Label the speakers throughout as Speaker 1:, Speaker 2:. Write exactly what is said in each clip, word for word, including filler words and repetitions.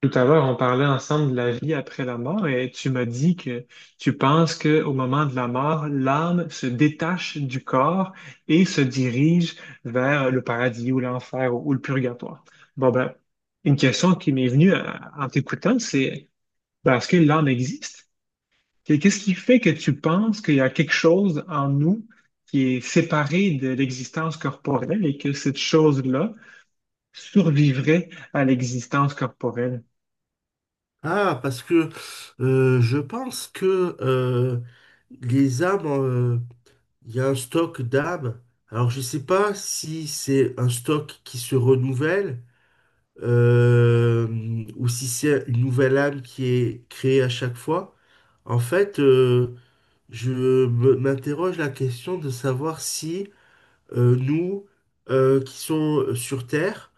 Speaker 1: Tout à l'heure, on parlait ensemble de la vie après la mort et tu m'as dit que tu penses que au moment de la mort, l'âme se détache du corps et se dirige vers le paradis ou l'enfer ou, ou le purgatoire. Bon ben, une question qui m'est venue à- en t'écoutant, c'est ben, est-ce que l'âme existe? Et qu'est-ce qui fait que tu penses qu'il y a quelque chose en nous qui est séparé de l'existence corporelle et que cette chose-là survivrait à l'existence corporelle?
Speaker 2: Ah, parce que euh, je pense que euh, les âmes, euh, il y a un stock d'âmes. Alors, je ne sais pas si c'est un stock qui se renouvelle, euh, ou si c'est une nouvelle âme qui est créée à chaque fois. En fait, euh, je me- m'interroge la question de savoir si euh, nous, euh, qui sommes euh, sur Terre,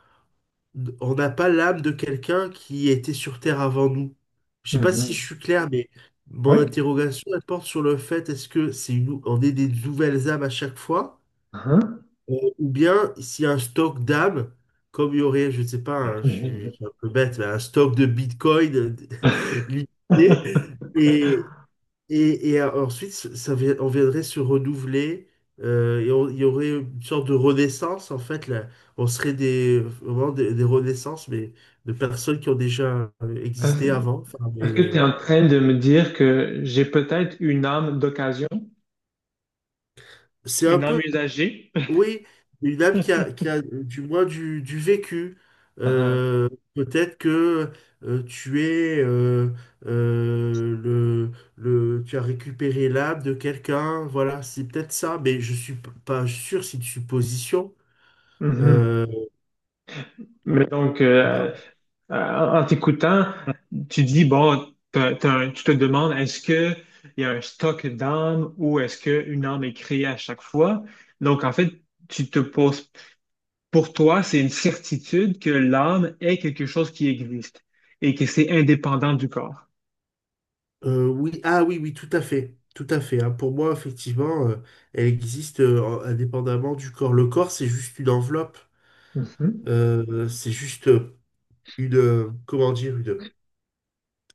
Speaker 2: on n'a pas l'âme de quelqu'un qui était sur Terre avant nous. Je sais pas si je
Speaker 1: Mhm.
Speaker 2: suis clair, mais mon
Speaker 1: Oui.
Speaker 2: interrogation, elle porte sur le fait, est-ce que c'est une- on est des nouvelles âmes à chaque fois,
Speaker 1: Hein.
Speaker 2: euh, ou bien s'il y a un stock d'âmes, comme il y aurait, je ne sais pas, hein, je suis je suis un peu bête, mais un stock de Bitcoin, euh, limité, et, et, et euh, ensuite, ça, vi- on viendrait se renouveler, euh, et on- il y aurait une sorte de renaissance, en fait, là. On serait des, vraiment des, des renaissances, mais de personnes qui ont déjà euh, existé
Speaker 1: Est-ce
Speaker 2: avant. Enfin,
Speaker 1: est-ce que tu es
Speaker 2: mais
Speaker 1: en train de me dire que j'ai peut-être une âme d'occasion,
Speaker 2: c'est un
Speaker 1: une âme
Speaker 2: peu,
Speaker 1: usagée?
Speaker 2: oui, une âme qui a, qui a euh, du moins du, du vécu.
Speaker 1: Ah,
Speaker 2: Euh, peut-être que euh, tu es euh, euh, le, le, tu as récupéré l'âme de quelqu'un, voilà, c'est peut-être ça, mais je suis p- pas sûr, c'est une supposition.
Speaker 1: mhm.
Speaker 2: Euh,
Speaker 1: Mais donc,
Speaker 2: je sais
Speaker 1: euh,
Speaker 2: pas.
Speaker 1: euh, en t'écoutant, tu dis, bon, t'as- t'as tu te demandes, est-ce que il y a un stock d'âmes ou est-ce qu'une âme est créée à chaque fois? Donc, en fait, tu te poses. Pour toi, c'est une certitude que l'âme est quelque chose qui existe et que c'est indépendant du corps.
Speaker 2: Euh, oui, ah oui, oui, tout à fait. Tout à fait, hein. Pour moi, effectivement, euh, elle existe euh, indépendamment du corps. Le corps, c'est juste une enveloppe.
Speaker 1: Mhm,
Speaker 2: Euh, c'est juste une, euh, comment dire, une,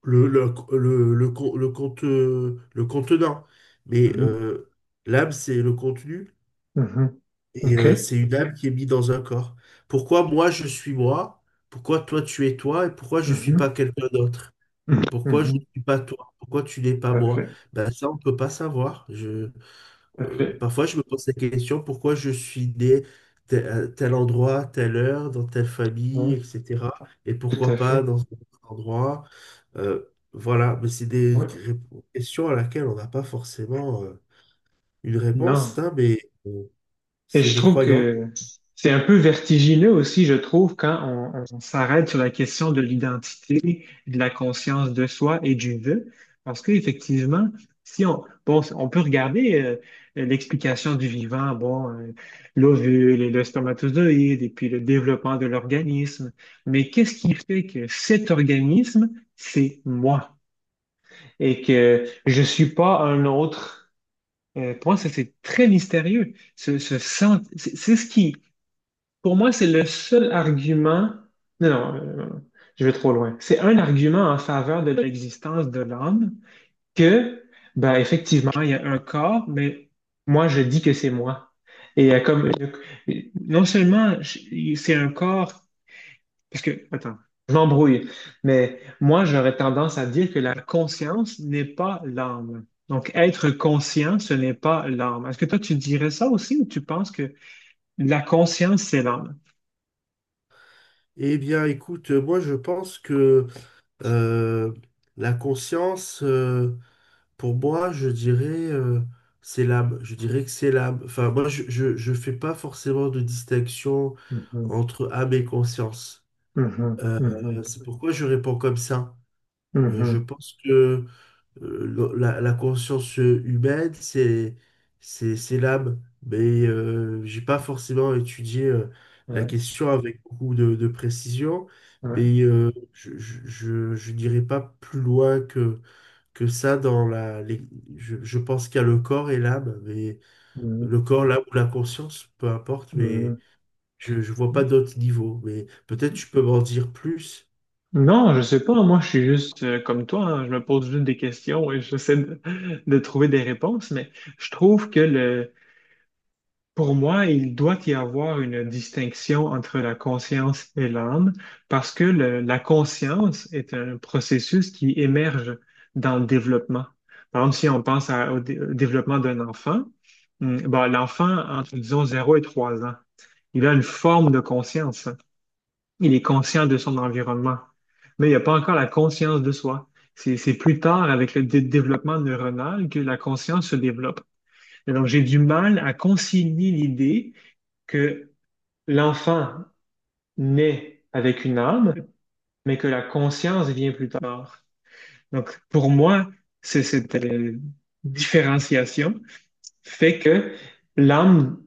Speaker 2: le, le, le, le, con- le conte- le contenant. Mais
Speaker 1: mhm,
Speaker 2: euh, l'âme, c'est le contenu,
Speaker 1: mhm.
Speaker 2: et euh,
Speaker 1: OK.
Speaker 2: c'est une âme qui est mise dans un corps. Pourquoi moi, je suis moi? Pourquoi toi, tu es toi? Et pourquoi je suis
Speaker 1: Mhm,
Speaker 2: pas quelqu'un d'autre?
Speaker 1: mhm,
Speaker 2: Pourquoi je ne
Speaker 1: mhm.
Speaker 2: suis pas toi? Pourquoi tu n'es pas
Speaker 1: Tout à
Speaker 2: moi?
Speaker 1: fait,
Speaker 2: Ben, ça, on ne peut pas savoir. Je,
Speaker 1: tout à
Speaker 2: euh,
Speaker 1: fait.
Speaker 2: parfois, je me pose la question, pourquoi je suis né tel, à tel endroit, telle heure, dans telle famille,
Speaker 1: Ouais,
Speaker 2: et cetera. Et
Speaker 1: tout
Speaker 2: pourquoi
Speaker 1: à
Speaker 2: pas
Speaker 1: fait.
Speaker 2: dans un autre endroit? Euh, voilà, mais c'est des
Speaker 1: Ouais.
Speaker 2: ré- questions à laquelle on n'a pas forcément euh, une
Speaker 1: Non.
Speaker 2: réponse, hein, mais euh,
Speaker 1: Et
Speaker 2: c'est
Speaker 1: je
Speaker 2: des
Speaker 1: trouve
Speaker 2: croyances.
Speaker 1: que c'est un peu vertigineux aussi, je trouve, quand on, on s'arrête sur la question de l'identité, de la conscience de soi et du vœu. Parce qu'effectivement, si on, bon, on peut regarder euh, l'explication du vivant, bon, euh, l'ovule et le spermatozoïde, et puis le développement de l'organisme. Mais qu'est-ce qui fait que cet organisme, c'est moi et que je suis pas un autre? Euh, pour moi, ça, c'est très mystérieux. Ce, ce sent- c'est c'est ce qui pour moi, c'est le seul argument. Non, non, euh, je vais trop loin. C'est un argument en faveur de l'existence de l'âme que, ben, effectivement, il y a un corps, mais moi, je dis que c'est moi. Et il y a comme, euh, non seulement je- c'est un corps, parce que, attends, je m'embrouille, mais moi, j'aurais tendance à dire que la conscience n'est pas l'âme. Donc, être conscient, ce n'est pas l'âme. Est-ce que toi, tu dirais ça aussi ou tu penses que la conscience, c'est l'âme?
Speaker 2: Eh bien, écoute, euh, moi, je pense que euh, la conscience... euh, Pour moi, je dirais euh, syllabe. Je dirais que syllabe. Enfin, moi, je, je, je fais pas forcément de distinction
Speaker 1: Mhm,
Speaker 2: entre âme et conscience.
Speaker 1: mhm,
Speaker 2: Euh,
Speaker 1: mhm,
Speaker 2: c'est pourquoi je réponds comme ça. Euh, je
Speaker 1: mhm.
Speaker 2: pense que euh, la, la conscience humaine, c'est c'est c'est l'âme. Mais euh, j'ai pas forcément étudié euh, la
Speaker 1: Ouais,
Speaker 2: question avec beaucoup de, de précision.
Speaker 1: ouais,
Speaker 2: Mais euh, je, je, je, je dirais pas plus loin que que ça dans la... les- Je, je pense qu'il y a le corps et l'âme, mais
Speaker 1: mhm,
Speaker 2: le corps, l'âme ou la conscience, peu importe, mais
Speaker 1: mhm.
Speaker 2: je ne vois pas d'autres niveaux. Mais peut-être tu peux m'en dire plus.
Speaker 1: Non, je sais pas. Moi, je suis juste euh, comme toi, hein. Je me pose juste des questions et j'essaie de, de trouver des réponses. Mais je trouve que le, Pour moi, il doit y avoir une distinction entre la conscience et l'âme parce que le- la conscience est un processus qui émerge dans le développement. Par exemple, si on pense à- au, dé- au développement d'un enfant, hum, bon, l'enfant, entre, disons, zéro et trois ans, il a une forme de conscience. Il est conscient de son environnement, mais il n'y a pas encore la conscience de soi. C'est c'est plus tard, avec le dé- développement neuronal, que la conscience se développe. Et donc, j'ai du mal à concilier l'idée que l'enfant naît avec une âme, mais que la conscience vient plus tard. Donc, pour moi, c'est cette euh, différenciation fait que l'âme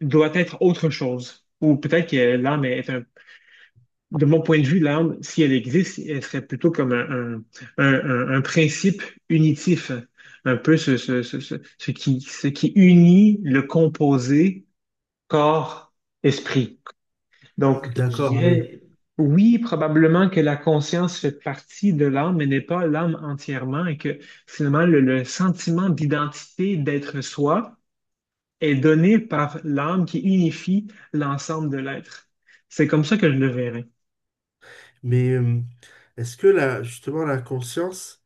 Speaker 1: doit être autre chose. Ou peut-être que l'âme est un. De mon point de vue, l'âme, si elle existe, elle serait plutôt comme un, un- un- un principe unitif, un peu ce, ce, ce, ce, ce qui, ce qui unit le composé corps, esprit. Donc, je
Speaker 2: D'accord, ah oui.
Speaker 1: dirais, oui, probablement que la conscience fait partie de l'âme, mais n'est pas l'âme entièrement, et que finalement, le, le sentiment d'identité, d'être soi, est donné par l'âme qui unifie l'ensemble de l'être. C'est comme ça que je le verrais.
Speaker 2: Mais euh, est-ce que là, justement, la conscience...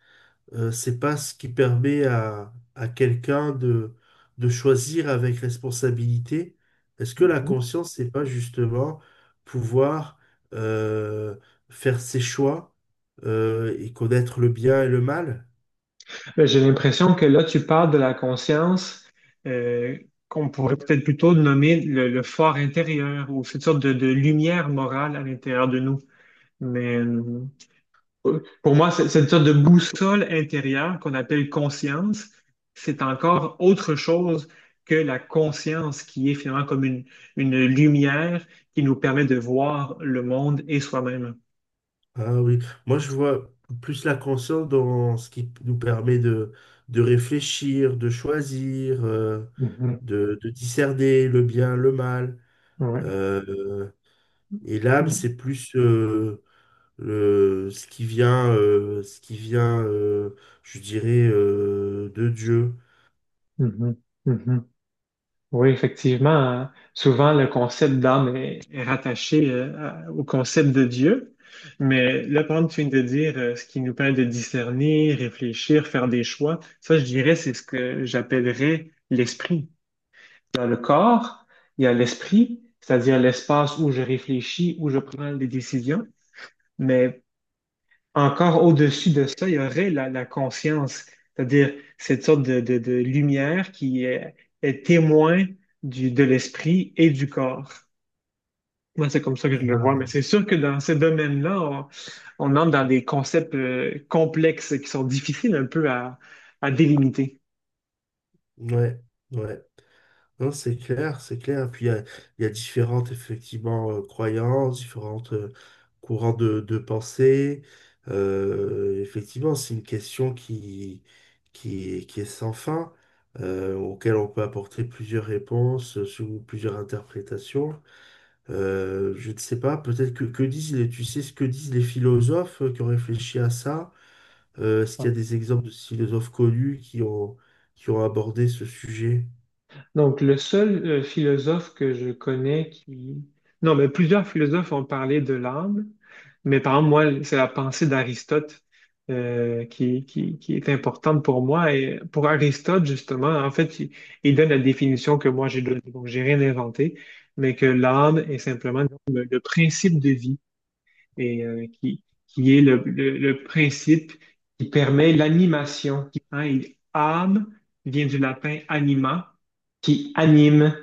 Speaker 2: Euh, c'est pas ce qui permet à, à quelqu'un de, de choisir avec responsabilité. Est-ce que la
Speaker 1: Mhm.
Speaker 2: conscience, c'est pas justement pouvoir euh, faire ses choix, euh, et connaître le bien et le mal?
Speaker 1: Ben, j'ai l'impression que là, tu parles de la conscience euh, qu'on pourrait peut-être plutôt nommer le, le fort intérieur ou cette sorte de, de lumière morale à l'intérieur de nous. Mais, euh, Euh, pour moi, c'est c'est une sorte de boussole intérieure qu'on appelle conscience. C'est encore autre chose que la conscience qui est finalement comme une, une lumière qui nous permet de voir le monde et soi-même.
Speaker 2: Ah oui, moi je vois plus la conscience dans ce qui nous permet de, de réfléchir, de choisir, euh,
Speaker 1: Mhm.
Speaker 2: de, de discerner le bien, le mal.
Speaker 1: Ouais.
Speaker 2: Euh, et l'âme, c'est plus euh, le, ce qui vient, euh, ce qui vient, euh, je dirais, euh, de Dieu.
Speaker 1: Mhm. Mhm. Oui, effectivement, euh, souvent le concept d'âme est, est rattaché euh, à- au concept de Dieu, mais là, par exemple, tu viens de dire euh, ce qui nous permet de discerner, réfléchir, faire des choix. Ça, je dirais, c'est ce que j'appellerais l'esprit. Dans le corps, il y a l'esprit, c'est-à-dire l'espace où je réfléchis, où je prends des décisions, mais encore au-dessus de ça, il y aurait la, la conscience, c'est-à-dire cette sorte de, de- de lumière qui est, est témoin du, de l'esprit et du corps. Moi, c'est comme ça que je le vois, mais c'est sûr que dans ce domaine-là, on, on entre dans des concepts euh, complexes qui sont difficiles un peu à, à délimiter.
Speaker 2: Ouais, ouais. Non, c'est clair, c'est clair. Puis il y a, il y a différentes, effectivement, euh, croyances, différentes euh, courants de, de pensée. Euh, effectivement, c'est une question qui, qui, est- qui est sans fin, euh, auquel on peut apporter plusieurs réponses, euh, sous plusieurs interprétations. Euh, je ne sais pas, peut-être que, que disent les, tu sais ce que disent les philosophes euh, qui ont réfléchi à ça? Euh, est-ce qu'il y a des exemples de philosophes connus qui ont, qui ont abordé ce sujet?
Speaker 1: Donc, le seul euh, philosophe que je connais qui. Non, mais plusieurs philosophes ont parlé de l'âme, mais par exemple, moi, c'est la pensée d'Aristote euh, qui, qui, qui est importante pour moi. Et pour Aristote, justement, en fait, il, il donne la définition que moi j'ai donnée, donc j'ai rien inventé, mais que l'âme est simplement donc, le le principe de vie et euh, qui, qui est le, le- le principe qui permet l'animation. Hein, il- âme vient du latin anima, qui anime.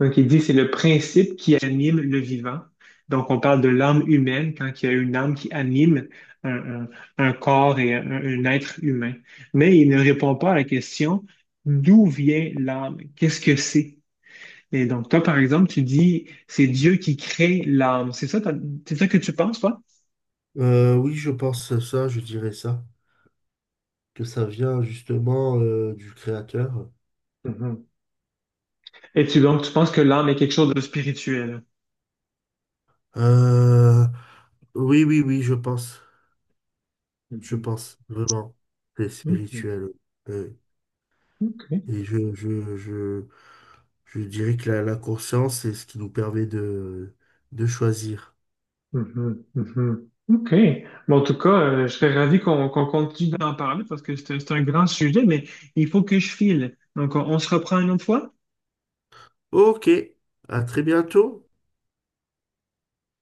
Speaker 1: Donc, il dit c'est le principe qui anime le vivant. Donc, on parle de l'âme humaine quand il y a une âme qui anime un, un- un corps et un, un être humain. Mais il ne répond pas à la question d'où vient l'âme? Qu'est-ce que c'est? Et donc, toi, par exemple, tu dis, c'est Dieu qui crée l'âme. C'est ça, ta- c'est ça que tu penses, toi?
Speaker 2: Euh, oui, je pense à ça, je dirais ça, que ça vient justement euh, du créateur.
Speaker 1: Mhm. Et tu donc, tu penses que l'âme est quelque chose de spirituel?
Speaker 2: Euh, oui, oui, oui, je pense, je
Speaker 1: Mhm.
Speaker 2: pense, vraiment, c'est
Speaker 1: Mhm.
Speaker 2: spirituel. Euh,
Speaker 1: OK.
Speaker 2: et je, je, je, je dirais que la, la conscience, c'est ce qui nous permet de, de choisir.
Speaker 1: Mhm, mhm. OK. Bon, en tout cas, euh, je serais ravi qu'on qu'on continue d'en parler parce que c'est un c'est un grand sujet, mais il faut que je file. Donc, on, on se reprend une autre fois?
Speaker 2: Ok, à très bientôt.